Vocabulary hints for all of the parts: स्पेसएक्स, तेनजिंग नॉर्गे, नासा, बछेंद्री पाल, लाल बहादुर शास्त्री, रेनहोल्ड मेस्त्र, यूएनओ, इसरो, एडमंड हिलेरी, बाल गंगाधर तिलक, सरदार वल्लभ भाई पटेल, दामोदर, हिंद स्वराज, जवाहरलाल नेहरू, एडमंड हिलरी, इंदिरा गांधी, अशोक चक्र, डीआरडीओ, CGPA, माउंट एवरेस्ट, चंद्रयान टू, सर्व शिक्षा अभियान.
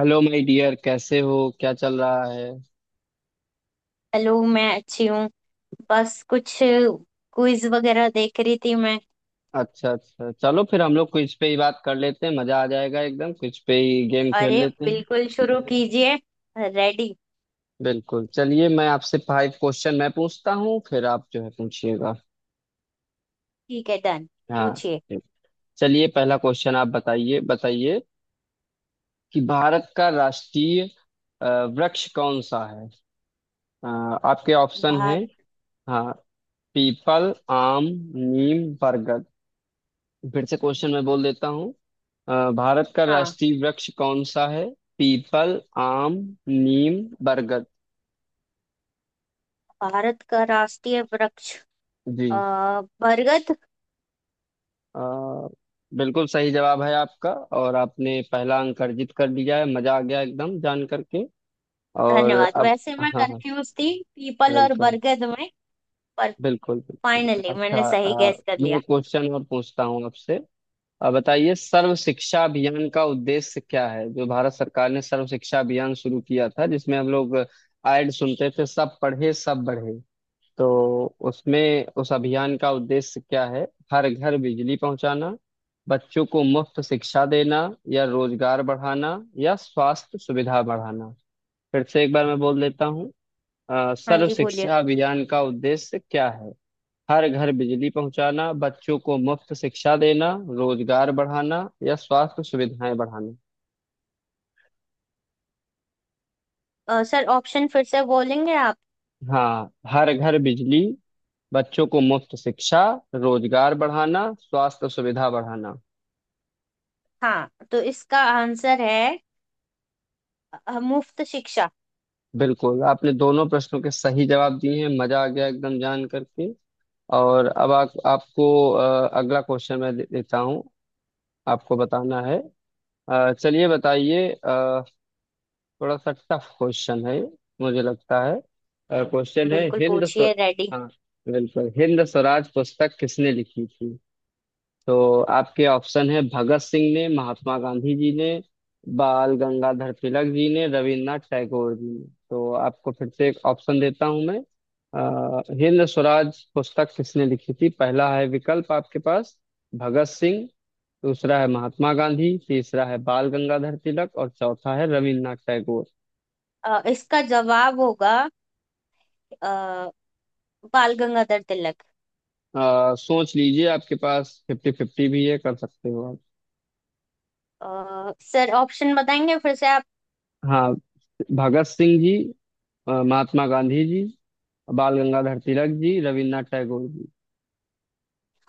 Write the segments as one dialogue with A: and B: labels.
A: Hello my dear, कैसे हो? क्या चल रहा है?
B: हेलो, मैं अच्छी हूँ। बस कुछ क्विज वगैरह देख रही थी मैं।
A: अच्छा अच्छा, चलो फिर हम लोग क्विज पे ही बात कर लेते हैं। मजा आ जाएगा एकदम। क्विज पे ही गेम खेल
B: अरे
A: लेते हैं।
B: बिल्कुल, शुरू कीजिए। रेडी।
A: बिल्कुल, चलिए मैं आपसे फाइव क्वेश्चन मैं पूछता हूँ, फिर आप जो है पूछिएगा।
B: ठीक है, डन।
A: हाँ,
B: पूछिए।
A: ठीक। चलिए, पहला क्वेश्चन आप बताइए बताइए कि भारत का राष्ट्रीय वृक्ष कौन सा है? अ, आपके ऑप्शन है।
B: भारत।
A: हाँ। पीपल, आम, नीम, बरगद। फिर से क्वेश्चन मैं बोल देता हूँ। भारत का
B: हाँ,
A: राष्ट्रीय वृक्ष कौन सा है? पीपल, आम, नीम, बरगद।
B: भारत का राष्ट्रीय वृक्ष अ,
A: जी।
B: बरगद।
A: अ, बिल्कुल सही जवाब है आपका। और आपने पहला अंक अर्जित कर लिया है। मजा आ गया एकदम जान करके। और
B: धन्यवाद।
A: अब।
B: वैसे मैं
A: हाँ हाँ।
B: कंफ्यूज थी पीपल और
A: बिल्कुल
B: बरगद में, पर
A: बिल्कुल बिल्कुल।
B: फाइनली
A: अच्छा,
B: मैंने सही गैस कर
A: मैं
B: लिया।
A: एक क्वेश्चन और पूछता हूँ आपसे। बताइए सर्व शिक्षा अभियान का उद्देश्य क्या है? जो भारत सरकार ने सर्व शिक्षा अभियान शुरू किया था, जिसमें हम लोग ऐड सुनते थे, सब पढ़े सब बढ़े। तो उसमें उस अभियान का उद्देश्य क्या है? हर घर बिजली पहुंचाना, बच्चों को मुफ्त शिक्षा देना, या रोजगार बढ़ाना, या स्वास्थ्य सुविधा बढ़ाना। फिर से एक बार मैं बोल देता हूँ।
B: हाँ
A: सर्व
B: जी, बोलिए।
A: शिक्षा अभियान का उद्देश्य क्या है? हर घर बिजली पहुंचाना, बच्चों को मुफ्त शिक्षा देना, रोजगार बढ़ाना, या स्वास्थ्य सुविधाएं बढ़ाना।
B: सर, ऑप्शन फिर से बोलेंगे आप?
A: हाँ, हर घर बिजली, बच्चों को मुफ्त शिक्षा, रोजगार बढ़ाना, स्वास्थ्य सुविधा बढ़ाना।
B: हाँ, तो इसका आंसर है मुफ्त शिक्षा।
A: बिल्कुल, आपने दोनों प्रश्नों के सही जवाब दिए हैं। मजा आ गया एकदम जान करके। और अब आप आपको अगला क्वेश्चन मैं देता हूँ। आपको बताना है। चलिए बताइए थोड़ा सा टफ क्वेश्चन है मुझे लगता है। क्वेश्चन है
B: बिल्कुल, पूछिए। रेडी।
A: हाँ, बिल्कुल। हिंद स्वराज पुस्तक किसने लिखी थी? तो आपके ऑप्शन है भगत सिंह ने, महात्मा गांधी जी ने, बाल गंगाधर तिलक जी ने, रविन्द्रनाथ टैगोर जी ने। तो आपको फिर से एक ऑप्शन देता हूं मैं। हिंद स्वराज पुस्तक किसने लिखी थी? पहला है विकल्प आपके पास भगत सिंह, दूसरा है महात्मा गांधी, तीसरा है बाल गंगाधर तिलक, और चौथा है रविन्द्रनाथ टैगोर।
B: इसका जवाब होगा अ, बाल गंगाधर तिलक।
A: सोच लीजिए, आपके पास फिफ्टी फिफ्टी भी है, कर सकते हो आप।
B: सर, ऑप्शन बताएंगे फिर से आप?
A: हाँ, भगत सिंह जी, महात्मा गांधी जी, बाल गंगाधर तिलक जी, रविन्द्रनाथ टैगोर जी।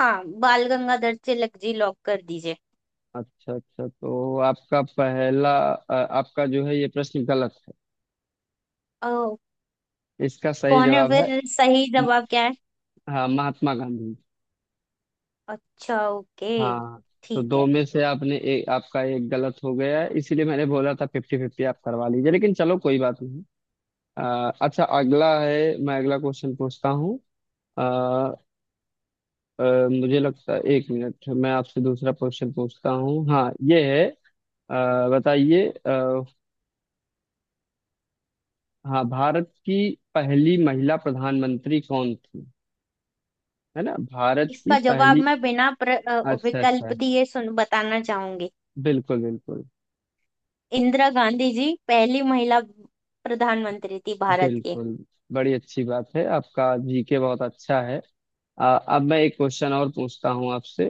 B: हाँ, बाल गंगाधर तिलक जी लॉक कर दीजिए।
A: अच्छा अच्छा, तो आपका जो है ये प्रश्न गलत है।
B: अ,
A: इसका सही
B: कौन है?
A: जवाब है।
B: फिर सही जवाब क्या है?
A: हाँ, महात्मा गांधी।
B: अच्छा, ओके।
A: हाँ। तो
B: ठीक
A: दो
B: है।
A: में से आपने एक आपका एक गलत हो गया है। इसीलिए मैंने बोला था फिफ्टी फिफ्टी आप करवा लीजिए, लेकिन चलो कोई बात नहीं। अच्छा, अगला है। मैं अगला क्वेश्चन पूछता हूँ। अ, अ, मुझे लगता है, एक मिनट, मैं आपसे दूसरा क्वेश्चन पूछता हूँ। हाँ, ये है। अ, बताइए। हाँ, भारत की पहली महिला प्रधानमंत्री कौन थी? है ना, भारत की
B: इसका जवाब
A: पहली।
B: मैं बिना
A: अच्छा
B: विकल्प
A: अच्छा।
B: दिए सुन बताना चाहूंगी।
A: बिल्कुल बिल्कुल
B: इंदिरा गांधी जी पहली महिला प्रधानमंत्री थी भारत के।
A: बिल्कुल। बड़ी अच्छी बात है, आपका जीके बहुत अच्छा है। अब मैं एक क्वेश्चन और पूछता हूँ आपसे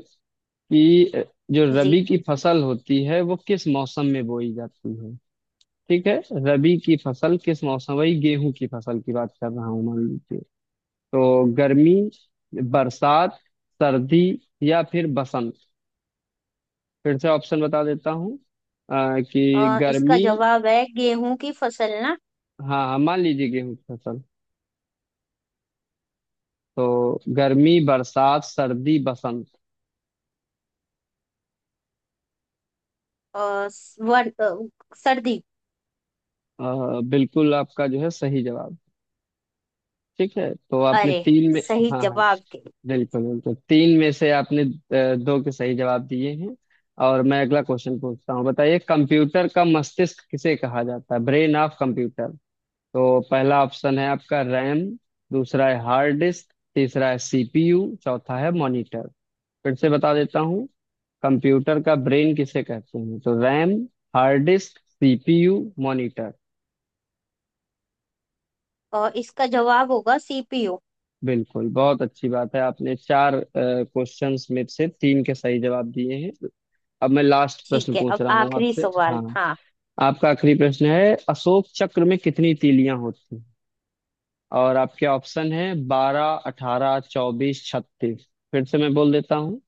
A: कि जो रबी
B: जी।
A: की फसल होती है वो किस मौसम में बोई जाती है? ठीक है, रबी की फसल किस मौसम, वही गेहूं की फसल की बात कर रहा हूँ, मान लीजिए। तो गर्मी, बरसात, सर्दी, या फिर बसंत। फिर से ऑप्शन बता देता हूँ। कि
B: इसका
A: गर्मी।
B: जवाब है गेहूं की फसल ना?
A: हाँ हाँ, मान लीजिए गेहूं की फसल। तो गर्मी, बरसात, सर्दी, बसंत।
B: अ, सर्दी।
A: बिल्कुल आपका जो है सही जवाब। ठीक है, तो आपने
B: अरे,
A: तीन में।
B: सही
A: हाँ हाँ।
B: जवाब दे।
A: बिल्कुल बिल्कुल। तीन में से आपने दो के सही जवाब दिए हैं। और मैं अगला क्वेश्चन पूछता हूँ। बताइए, कंप्यूटर का मस्तिष्क किसे कहा जाता है? Brain of computer. तो पहला ऑप्शन है आपका रैम, दूसरा है हार्ड डिस्क, तीसरा है सीपीयू, चौथा है मॉनिटर। फिर से बता देता हूँ। कंप्यूटर का ब्रेन किसे कहते हैं? तो RAM, hard disk, CPU, monitor.
B: और इसका जवाब होगा सीपीयू।
A: बिल्कुल, बहुत अच्छी बात है। आपने चार क्वेश्चंस में से तीन के सही जवाब दिए हैं। अब मैं लास्ट प्रश्न
B: ठीक है,
A: पूछ
B: अब
A: रहा हूँ
B: आखिरी
A: आपसे।
B: सवाल।
A: हाँ।
B: हाँ।
A: आपका आखिरी प्रश्न है, अशोक चक्र में कितनी तीलियां होती हैं? और आपके ऑप्शन है बारह, अठारह, चौबीस, छत्तीस। फिर से मैं बोल देता हूँ।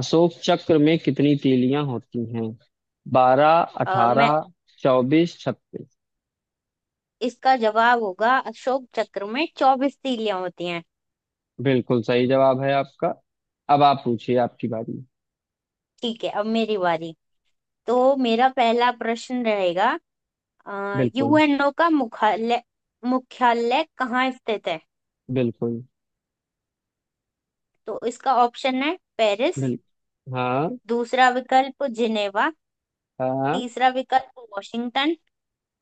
A: अशोक चक्र में कितनी तीलियां होती हैं? बारह,
B: अ, मैं
A: अठारह, चौबीस, छत्तीस।
B: इसका जवाब होगा अशोक चक्र में 24 तीलियां होती हैं।
A: बिल्कुल सही जवाब है आपका। अब आप पूछिए, आपकी बारी।
B: ठीक है, अब मेरी बारी। तो मेरा पहला प्रश्न रहेगा।
A: बिल्कुल।
B: यूएनओ का मुख्यालय मुख्यालय कहाँ स्थित है?
A: बिल्कुल
B: तो इसका ऑप्शन है पेरिस।
A: बिल्कुल। हाँ।
B: दूसरा विकल्प जिनेवा।
A: हाँ।
B: तीसरा विकल्प वॉशिंगटन।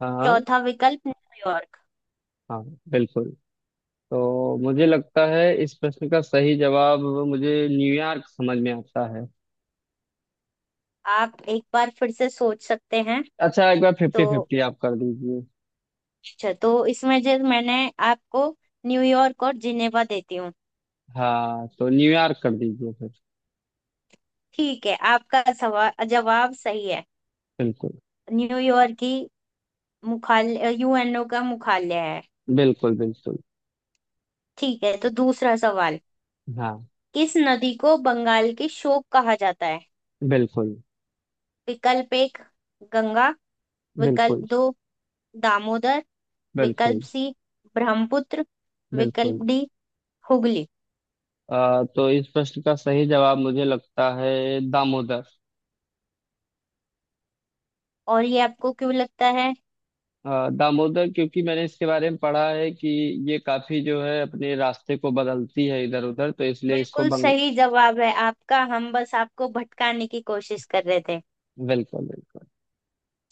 A: हाँ
B: चौथा विकल्प न्यूयॉर्क।
A: हाँ। बिल्कुल। तो मुझे लगता है इस प्रश्न का सही जवाब, मुझे न्यूयॉर्क समझ में आता है।
B: आप एक बार फिर से सोच सकते हैं।
A: अच्छा, एक बार
B: तो
A: फिफ्टी फिफ्टी आप कर दीजिए।
B: अच्छा, तो इसमें जो मैंने आपको न्यूयॉर्क और जिनेवा देती हूँ।
A: हाँ, तो न्यूयॉर्क कर दीजिए फिर।
B: ठीक है, आपका सवाल जवाब सही है।
A: बिल्कुल।
B: न्यूयॉर्क की मुख्यालय यूएनओ का मुख्यालय है।
A: बिल्कुल बिल्कुल।
B: ठीक है, तो दूसरा सवाल।
A: हाँ।
B: किस नदी को बंगाल की शोक कहा जाता है?
A: बिल्कुल
B: विकल्प एक गंगा। विकल्प
A: बिल्कुल
B: दो दामोदर। विकल्प
A: बिल्कुल।
B: C ब्रह्मपुत्र। विकल्प
A: बिल्कुल।
B: D हुगली।
A: तो इस प्रश्न का सही जवाब मुझे लगता है दामोदर
B: और ये आपको क्यों लगता है?
A: अ, दामोदर क्योंकि मैंने इसके बारे में पढ़ा है कि ये काफी जो है अपने रास्ते को बदलती है इधर उधर, तो इसलिए इसको
B: बिल्कुल
A: बंग।
B: सही जवाब है आपका। हम बस आपको भटकाने की कोशिश कर रहे थे।
A: बिल्कुल। बिल्कुल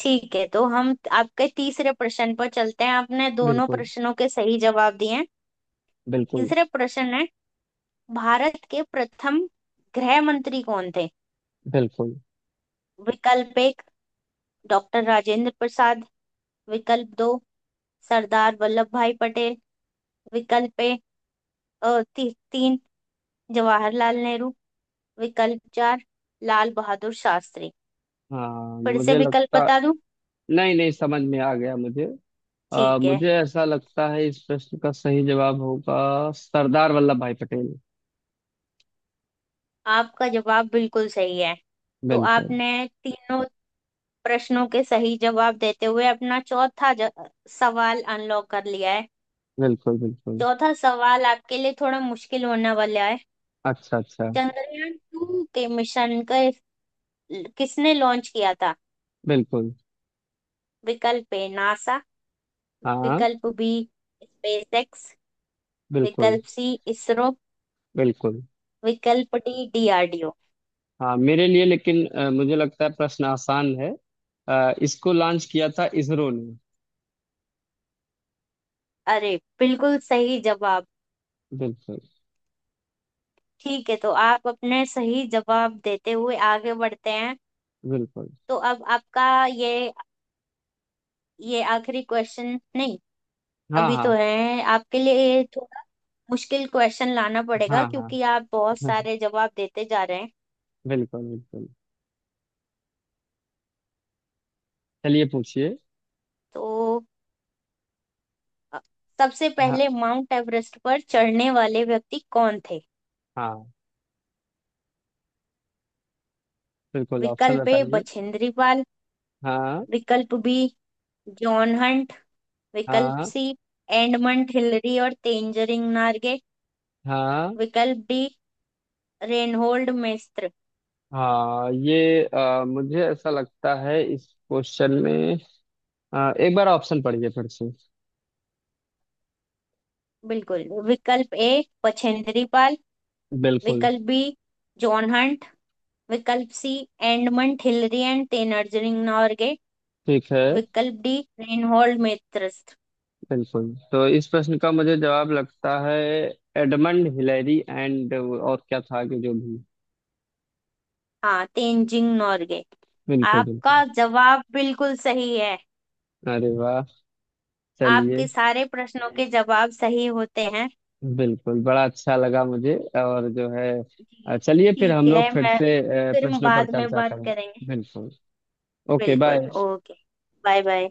B: ठीक है, तो हम आपके तीसरे प्रश्न पर चलते हैं। आपने दोनों
A: बिल्कुल।
B: प्रश्नों के सही जवाब दिए हैं।
A: बिल्कुल
B: तीसरे प्रश्न है, भारत के प्रथम गृह मंत्री कौन थे?
A: बिल्कुल।
B: विकल्प एक डॉक्टर राजेंद्र प्रसाद। विकल्प दो सरदार वल्लभ भाई पटेल। विकल्प अ, ती, तीन जवाहरलाल नेहरू। विकल्प चार लाल बहादुर शास्त्री।
A: हाँ,
B: फिर से
A: मुझे
B: विकल्प
A: लगता
B: बता दूं?
A: नहीं नहीं, समझ में आ गया मुझे।
B: ठीक है।
A: मुझे ऐसा लगता है इस प्रश्न का सही जवाब होगा सरदार वल्लभ भाई पटेल।
B: आपका जवाब बिल्कुल सही है। तो
A: बिल्कुल
B: आपने तीनों प्रश्नों के सही जवाब देते हुए अपना चौथा सवाल अनलॉक कर लिया है।
A: बिल्कुल बिल्कुल।
B: चौथा सवाल आपके लिए थोड़ा मुश्किल होने वाला है।
A: अच्छा अच्छा।
B: चंद्रयान-2 के मिशन का किसने लॉन्च किया था?
A: बिल्कुल।
B: विकल्प ए नासा।
A: हाँ।
B: विकल्प B स्पेसएक्स।
A: बिल्कुल
B: विकल्प सी इसरो।
A: बिल्कुल।
B: विकल्प डी डीआरडीओ।
A: हाँ, मेरे लिए लेकिन मुझे लगता है प्रश्न आसान है। इसको लॉन्च किया था इसरो ने।
B: अरे बिल्कुल सही जवाब।
A: बिल्कुल
B: ठीक है, तो आप अपने सही जवाब देते हुए आगे बढ़ते हैं।
A: बिल्कुल।
B: तो अब आपका ये आखिरी क्वेश्चन नहीं,
A: हाँ
B: अभी तो
A: हाँ।
B: है। आपके लिए थोड़ा मुश्किल क्वेश्चन लाना पड़ेगा
A: हाँ हाँ।
B: क्योंकि आप बहुत
A: हाँ,
B: सारे जवाब देते जा रहे हैं।
A: बिल्कुल बिल्कुल। चलिए पूछिए।
B: तो अ, सबसे
A: हाँ
B: पहले माउंट एवरेस्ट पर चढ़ने वाले व्यक्ति कौन थे?
A: हाँ। बिल्कुल, ऑप्शन
B: विकल्प ए
A: बताइए।
B: बछेंद्री पाल।
A: हाँ।
B: विकल्प बी जॉन हंट। विकल्प
A: हाँ।
B: सी एडमंड हिलरी और तेंजरिंग नार्गे।
A: हाँ।
B: विकल्प डी रेनहोल्ड मेस्त्र।
A: हाँ, ये मुझे ऐसा लगता है इस क्वेश्चन में, एक बार ऑप्शन पढ़िए फिर से।
B: बिल्कुल। विकल्प ए बछेंद्री पाल।
A: बिल्कुल।
B: विकल्प बी जॉन हंट। विकल्प C एडमंड हिलरी and तेनजिंग नॉर्गे।
A: ठीक है।
B: विकल्प डी रेनहोल्ड मेत्रिस्ट।
A: बिल्कुल, तो इस प्रश्न का मुझे जवाब लगता है एडमंड हिलेरी एंड, और क्या था कि जो भी।
B: हाँ, तेनजिंग नॉर्गे।
A: बिल्कुल बिल्कुल।
B: आपका जवाब बिल्कुल सही है।
A: अरे वाह, चलिए।
B: आपके सारे प्रश्नों के जवाब सही होते हैं।
A: बिल्कुल, बड़ा अच्छा लगा मुझे। और जो है,
B: जी,
A: चलिए फिर
B: ठीक
A: हम
B: है।
A: लोग फिर
B: मैं
A: से
B: फिर हम
A: प्रश्नों पर
B: बाद में
A: चर्चा
B: बात
A: करें।
B: करेंगे।
A: बिल्कुल। ओके
B: बिल्कुल,
A: बाय।
B: ओके। Bye bye.